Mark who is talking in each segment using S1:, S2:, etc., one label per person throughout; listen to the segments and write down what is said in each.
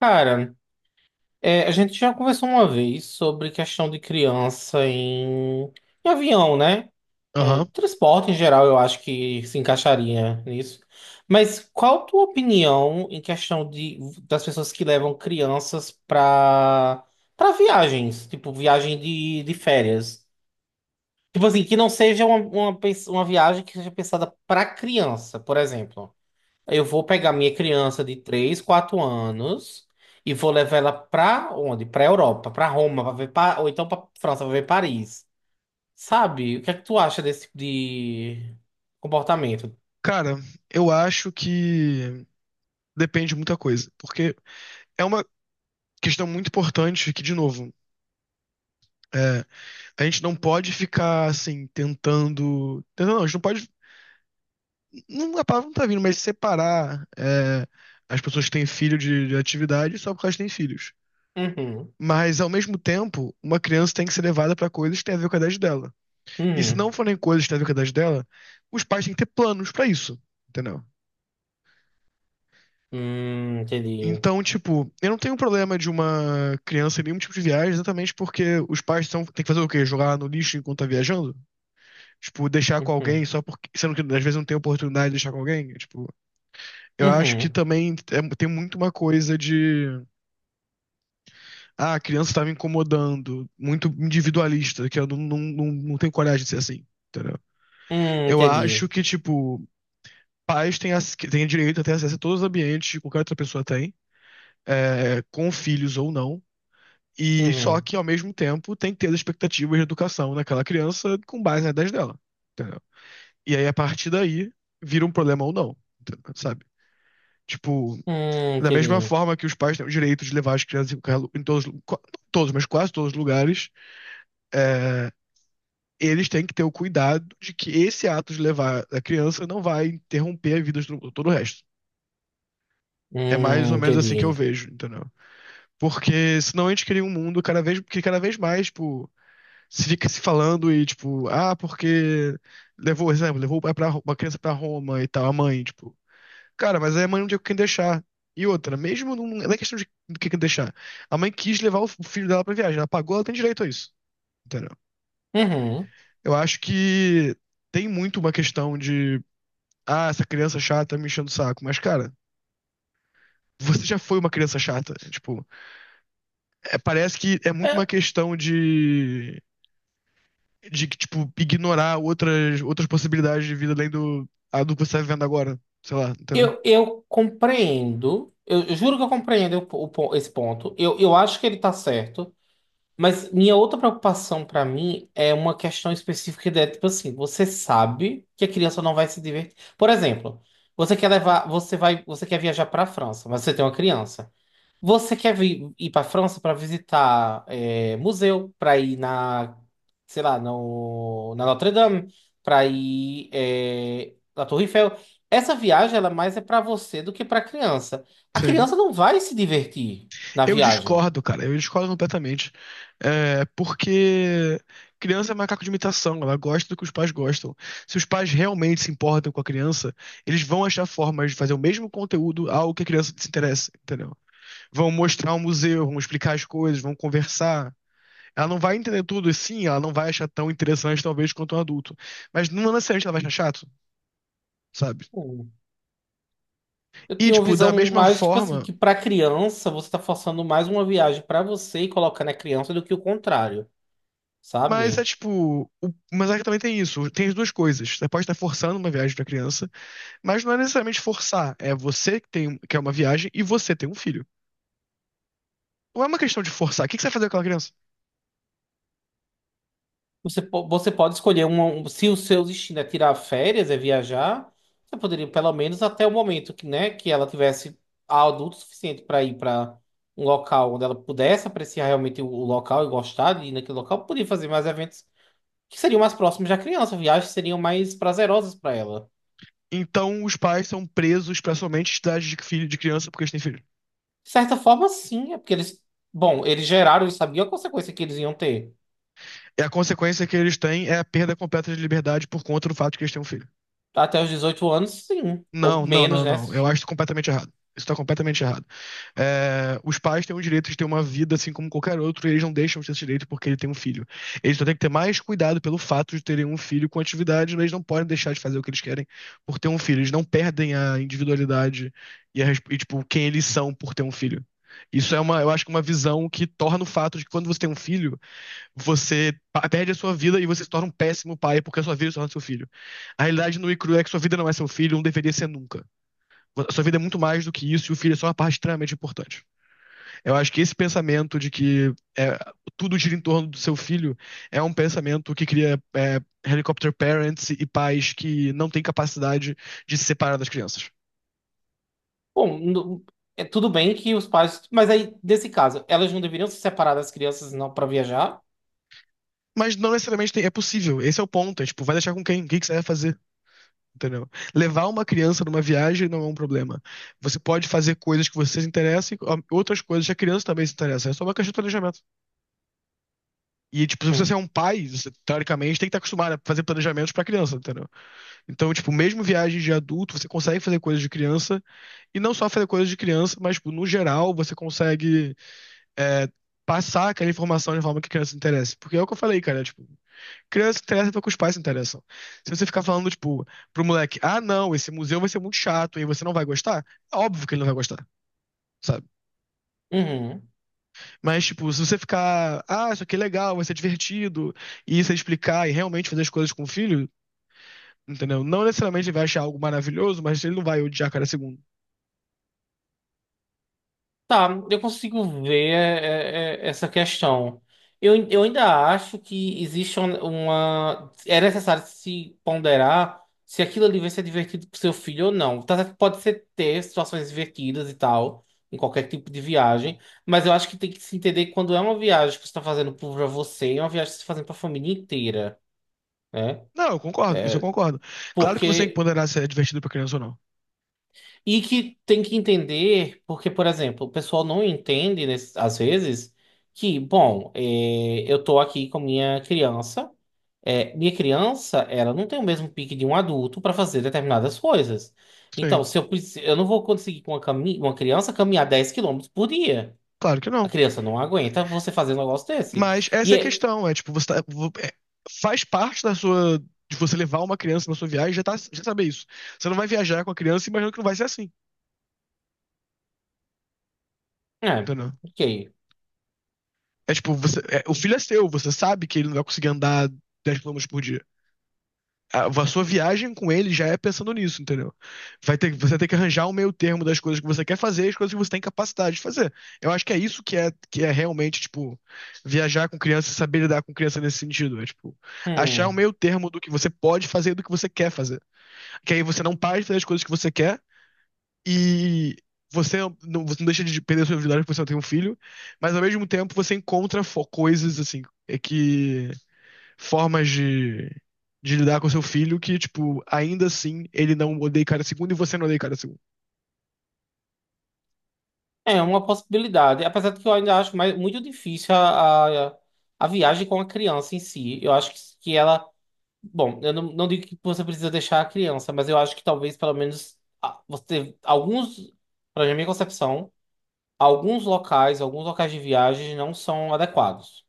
S1: Cara, a gente já conversou uma vez sobre questão de criança em avião, né? É,
S2: Aham.
S1: transporte em geral, eu acho que se encaixaria nisso. Mas qual a tua opinião em questão das pessoas que levam crianças para viagens, tipo viagem de férias? Tipo assim, que não seja uma viagem que seja pensada para criança, por exemplo. Eu vou pegar minha criança de 3, 4 anos e vou levar ela pra onde? Pra Europa, pra Roma, ou então pra França, pra ver Paris. Sabe? O que é que tu acha desse tipo de comportamento?
S2: Cara, eu acho que depende de muita coisa, porque é uma questão muito importante que, de novo, é, a gente não pode ficar assim tentando não, a gente não pode, não, a palavra não tá vindo, mas separar as pessoas que têm filho de atividade só porque elas têm filhos.
S1: Uhum,
S2: Mas, ao mesmo tempo, uma criança tem que ser levada pra coisas que têm a ver com a idade dela. E se não
S1: uhum.
S2: forem coisas que têm a ver com a idade dela, os pais têm que ter planos pra isso, entendeu?
S1: Entendi.
S2: Então, tipo, eu não tenho problema de uma criança em nenhum tipo de viagem, exatamente porque os pais são, tem que fazer o quê? Jogar no lixo enquanto tá viajando? Tipo, deixar com alguém
S1: Uhum,
S2: só porque. Sendo que às vezes não tem oportunidade de deixar com alguém. Tipo, eu acho que
S1: uhum.
S2: também tem muito uma coisa de. Ah, a criança tá me incomodando. Muito individualista, que eu não tenho coragem de ser assim. Entendeu? Eu acho
S1: Entendi.
S2: que, tipo, pais têm direito a ter acesso a todos os ambientes, que qualquer outra pessoa tem, com filhos ou não. E só
S1: Uhum,
S2: que, ao mesmo tempo, tem que ter as expectativas de educação daquela criança com base nas ideias dela. Entendeu? E aí, a partir daí, vira um problema ou não, entendeu? Sabe? Tipo, da mesma
S1: entendi.
S2: forma que os pais têm o direito de levar as crianças em todos, não todos, mas quase todos os lugares, eles têm que ter o cuidado de que esse ato de levar a criança não vai interromper a vida de todo o resto. É mais ou menos assim que eu
S1: Entendi.
S2: vejo, entendeu? Porque senão a gente cria um mundo cada vez, que cada vez mais, tipo, se fica se falando e, tipo, ah, porque levou, exemplo, uma criança pra Roma e tal, a mãe, tipo, cara, mas aí a mãe não tinha com quem deixar. E outra, mesmo não, não é questão de do que quem deixar. A mãe quis levar o filho dela pra viagem, ela pagou, ela tem direito a isso, entendeu?
S1: Uhum.
S2: Eu acho que tem muito uma questão de, ah, essa criança chata me enchendo o saco, mas, cara. Você já foi uma criança chata. Tipo, parece que é muito
S1: É,
S2: uma questão de que, tipo, ignorar outras possibilidades de vida além do, a do que você tá vivendo agora. Sei lá, entendeu?
S1: eu compreendo. Eu juro que eu compreendo esse ponto. Eu acho que ele tá certo. Mas minha outra preocupação pra mim é uma questão específica de, tipo assim, você sabe que a criança não vai se divertir. Por exemplo, você quer viajar pra França, mas você tem uma criança. Você quer ir pra França pra visitar museu, pra ir na, sei lá, no, na Notre Dame, pra ir na Torre Eiffel. Essa viagem, ela é mais é pra você do que pra criança. A
S2: Sim.
S1: criança não vai se divertir na
S2: Eu
S1: viagem.
S2: discordo, cara. Eu discordo completamente. Porque criança é macaco de imitação. Ela gosta do que os pais gostam. Se os pais realmente se importam com a criança, eles vão achar formas de fazer o mesmo conteúdo ao que a criança se interessa, entendeu? Vão mostrar um museu, vão explicar as coisas, vão conversar. Ela não vai entender tudo, e sim, ela não vai achar tão interessante, talvez, quanto um adulto. Mas não necessariamente ela vai achar chato, sabe?
S1: Eu
S2: E,
S1: tinha uma
S2: tipo, da
S1: visão
S2: mesma
S1: mais, tipo assim,
S2: forma,
S1: que pra criança você tá forçando mais uma viagem pra você e colocando a criança do que o contrário,
S2: mas é
S1: sabe?
S2: tipo. Mas é que também tem isso, tem as duas coisas. Você pode estar forçando uma viagem pra criança, mas não é necessariamente forçar. É você que tem, quer uma viagem e você tem um filho. Não é uma questão de forçar. O que que você vai fazer com aquela criança?
S1: Você pode escolher se o seu destino é tirar férias, é viajar, você poderia pelo menos até o momento que, né, que ela tivesse adulto suficiente pra ir pra um local onde ela pudesse apreciar realmente o local e gostar de ir naquele local, poderia fazer mais eventos que seriam mais próximos da criança, viagens seriam mais prazerosas pra ela.
S2: Então, os pais são presos pra somente idade de filho de criança porque eles têm filho.
S1: De certa forma, sim, é porque eles. Bom, eles geraram e sabiam a consequência que eles iam ter.
S2: E a consequência que eles têm é a perda completa de liberdade por conta do fato de que eles têm um filho.
S1: Até os 18 anos, sim. Ou menos, né?
S2: Não. Eu acho isso completamente errado. Isso tá completamente errado. É, os pais têm o direito de ter uma vida assim como qualquer outro, e eles não deixam de ter esse direito porque ele tem um filho. Eles só têm que ter mais cuidado pelo fato de terem um filho com atividade, mas eles não podem deixar de fazer o que eles querem por ter um filho. Eles não perdem a individualidade tipo, quem eles são por ter um filho. Isso é uma, eu acho que uma visão que torna o fato de que, quando você tem um filho, você perde a sua vida e você se torna um péssimo pai porque a sua vida se torna seu filho. A realidade no e crua é que sua vida não é seu filho, não deveria ser nunca. A sua vida é muito mais do que isso e o filho é só uma parte extremamente importante. Eu acho que esse pensamento de que é, tudo gira em torno do seu filho é um pensamento que cria helicopter parents e pais que não têm capacidade de se separar das crianças.
S1: Bom, é tudo bem que os pais. Mas aí, nesse caso, elas não deveriam se separar das crianças não para viajar?
S2: Mas não necessariamente é possível. Esse é o ponto. É tipo, vai deixar com quem? O que que você vai fazer? Entendeu? Levar uma criança numa viagem não é um problema. Você pode fazer coisas que você se interessa e ó, outras coisas que a criança também se interessa. É só uma questão de planejamento. E, tipo, se você
S1: Hum.
S2: é um pai, você, teoricamente, tem que estar acostumado a fazer planejamentos pra criança, entendeu? Então, tipo, mesmo viagens de adulto, você consegue fazer coisas de criança, e não só fazer coisas de criança, mas, tipo, no geral, você consegue é, passar aquela informação de forma que a criança se interesse. Porque é o que eu falei, cara, tipo, criança se interessa porque os pais se interessam. Se você ficar falando, tipo, pro moleque, ah, não, esse museu vai ser muito chato e você não vai gostar, é óbvio que ele não vai gostar. Sabe?
S1: Uhum.
S2: Mas, tipo, se você ficar, ah, isso aqui é legal, vai ser divertido, e você explicar e realmente fazer as coisas com o filho, entendeu? Não necessariamente ele vai achar algo maravilhoso, mas ele não vai odiar cada segundo.
S1: Tá, eu consigo ver essa questão. Eu ainda acho que existe uma. É necessário se ponderar se aquilo ali vai ser divertido pro seu filho ou não. Tá certo que pode ser ter situações divertidas e tal, em qualquer tipo de viagem, mas eu acho que tem que se entender que quando é uma viagem que você tá fazendo pra você, é uma viagem que você tá fazendo pra família inteira, né?
S2: Não, eu concordo, isso eu concordo. Claro que você tem que
S1: Porque.
S2: ponderar se é divertido pra criança ou não.
S1: E que tem que entender, porque, por exemplo, o pessoal não entende, às vezes, que, bom, eu tô aqui com minha criança, minha criança, ela não tem o mesmo pique de um adulto para fazer determinadas coisas.
S2: Sim,
S1: Então, se eu não vou conseguir com uma criança caminhar 10 km por dia.
S2: claro que
S1: A
S2: não.
S1: criança não aguenta você fazer um negócio desse.
S2: Mas essa
S1: E
S2: é a questão, é tipo, você tá, faz parte da sua, de você levar uma criança na sua viagem, já tá, já saber isso. Você não vai viajar com a criança imaginando que não vai ser assim,
S1: é,
S2: entendeu?
S1: ok.
S2: É tipo, o filho é seu, você sabe que ele não vai conseguir andar 10 quilômetros por dia. A sua viagem com ele já é pensando nisso, entendeu? Vai ter, você tem que arranjar um meio termo das coisas que você quer fazer e as coisas que você tem capacidade de fazer. Eu acho que é isso que é realmente, tipo, viajar com criança e saber lidar com criança nesse sentido. É, tipo, achar um
S1: Hum.
S2: meio termo do que você pode fazer e do que você quer fazer. Que aí você não para de fazer as coisas que você quer e você não, você não deixa de perder sua individualidade porque você não tem um filho, mas ao mesmo tempo você encontra coisas, assim, é que formas de lidar com seu filho que, tipo, ainda assim ele não odeia cada segundo e você não odeia cada segundo.
S1: É uma possibilidade, apesar de que eu ainda acho mais, muito difícil a viagem com a criança em si. Eu acho que ela. Bom, eu não digo que você precisa deixar a criança, mas eu acho que talvez pelo menos você. Alguns, para minha concepção, alguns locais de viagem não são adequados.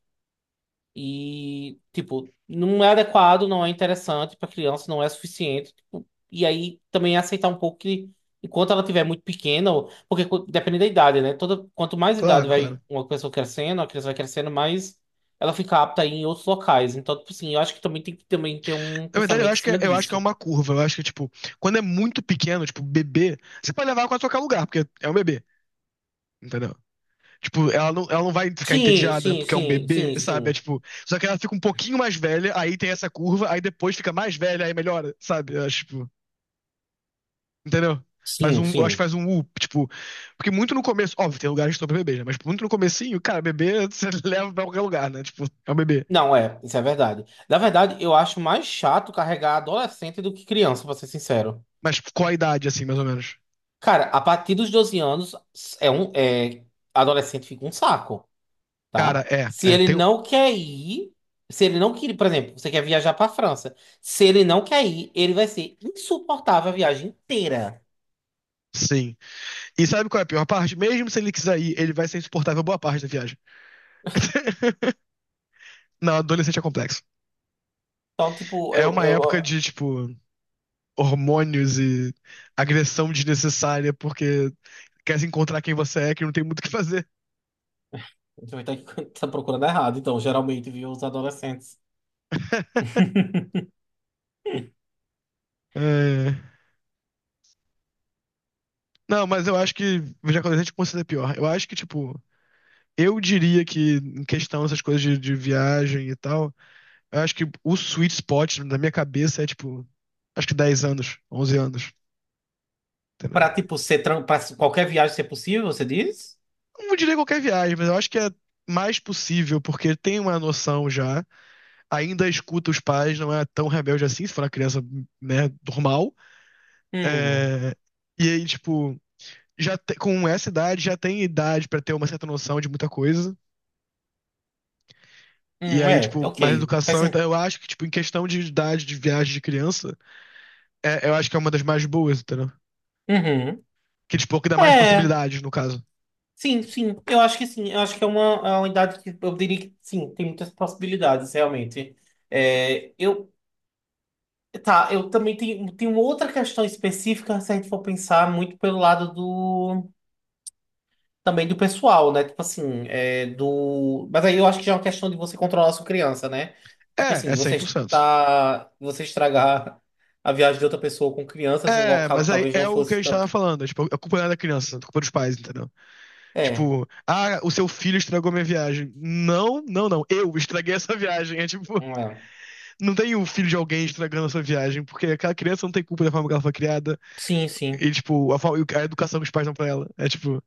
S1: E, tipo, não é adequado, não é interessante para criança, não é suficiente. Tipo, e aí também é aceitar um pouco que, enquanto ela estiver muito pequena, depende da idade, né? Toda, quanto mais idade
S2: Claro,
S1: vai
S2: claro.
S1: uma pessoa crescendo, a criança vai crescendo, mais ela fica apta a ir em outros locais. Então, tipo assim, eu acho que também tem que também ter um
S2: Na verdade,
S1: pensamento em cima
S2: eu acho que é
S1: disso.
S2: uma curva. Eu acho que, tipo, quando é muito pequeno, tipo, bebê, você pode levar ela quase a qualquer lugar, porque é um bebê, entendeu? Tipo, ela não vai ficar
S1: Sim,
S2: entediada
S1: sim,
S2: porque é um
S1: sim,
S2: bebê,
S1: sim,
S2: sabe? É
S1: sim.
S2: tipo, só que ela fica um pouquinho mais velha, aí tem essa curva, aí depois fica mais velha, aí melhora, sabe? Eu acho, tipo, entendeu? Faz
S1: Sim,
S2: um, eu acho que
S1: sim.
S2: faz um U, tipo. Porque muito no começo, óbvio, tem lugares que estão pra bebê, né? Mas tipo, muito no comecinho, cara, bebê você leva pra qualquer lugar, né? Tipo, é um bebê.
S1: Não, isso é verdade. Na verdade, eu acho mais chato carregar adolescente do que criança, pra ser sincero.
S2: Mas tipo, qual a idade, assim, mais ou menos?
S1: Cara, a partir dos 12 anos, é um, é, adolescente fica um saco,
S2: Cara,
S1: tá? Se ele
S2: tem. Um,
S1: não quer ir, se ele não quer, por exemplo, você quer viajar pra França. Se ele não quer ir, ele vai ser insuportável a viagem inteira.
S2: sim. E sabe qual é a pior parte? Mesmo se ele quiser ir, ele vai ser insuportável boa parte da viagem. Não, adolescente é complexo.
S1: Então, tipo,
S2: É
S1: eu,
S2: uma época
S1: eu,
S2: de, tipo, hormônios e agressão desnecessária, porque quer se encontrar quem você é, que não tem muito o que fazer.
S1: eu tá tá procurando errado. Então, geralmente, viu os adolescentes.
S2: É. Não, mas eu acho que Jacarandá considera pior. Eu acho que, tipo, eu diria que, em questão dessas coisas de viagem e tal, eu acho que o sweet spot na minha cabeça é, tipo, acho que 10 anos, 11 anos, entendeu?
S1: Pra qualquer viagem ser possível, você diz?
S2: Não diria qualquer viagem, mas eu acho que é mais possível, porque tem uma noção já, ainda escuta os pais, não é tão rebelde assim, se for uma criança, né, normal.
S1: Hum,
S2: É, e aí, tipo, com essa idade, já tem idade pra ter uma certa noção de muita coisa. E aí, tipo, mais
S1: ok. Faz
S2: educação. Então,
S1: sen-
S2: eu acho que, tipo, em questão de idade de viagem de criança, eu acho que é uma das mais boas, entendeu?
S1: Uhum.
S2: Que, tipo, que dá mais
S1: É.
S2: possibilidades, no caso.
S1: Sim, sim, eu acho que sim. Eu acho que é uma idade que eu diria que sim, tem muitas possibilidades, realmente. Eu, tá, eu também tenho uma outra questão específica, se a gente for pensar muito pelo lado do, também do pessoal, né? Tipo assim, do. Mas aí eu acho que já é uma questão de você controlar a sua criança, né? Tipo
S2: É,
S1: assim,
S2: é
S1: de
S2: cem
S1: você
S2: por cento
S1: estar, você estragar a viagem de outra pessoa com crianças em um
S2: É,
S1: local
S2: mas
S1: que
S2: aí
S1: talvez não
S2: é o que a
S1: fosse
S2: gente tava
S1: tanto.
S2: falando. Tipo, a culpa não é da criança, é a culpa é dos pais, entendeu?
S1: É,
S2: Tipo, ah, o seu filho estragou minha viagem. Não. Eu estraguei essa viagem. É tipo,
S1: é.
S2: não tem o filho de alguém estragando essa viagem, porque aquela criança não tem culpa da forma que ela foi criada.
S1: Sim, sim.
S2: E, tipo, a educação que os pais dão pra ela. É tipo.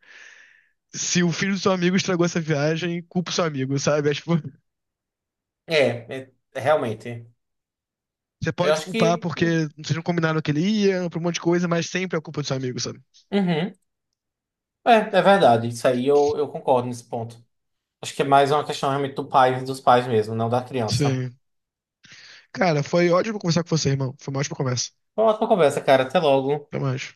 S2: Se o filho do seu amigo estragou essa viagem, culpa o seu amigo, sabe? É, tipo,
S1: É é, realmente.
S2: você
S1: Eu
S2: pode
S1: acho
S2: culpar
S1: que.
S2: porque vocês não combinaram que ele ia, por um monte de coisa, mas sempre é culpa do seu amigo, sabe?
S1: Uhum. É, é verdade. Isso aí eu concordo nesse ponto. Acho que é mais uma questão realmente do pai, dos pais mesmo, não da criança.
S2: Sim. Cara, foi ótimo conversar com você, irmão. Foi uma ótima conversa.
S1: Uma ótima conversa, cara. Até logo.
S2: Até mais.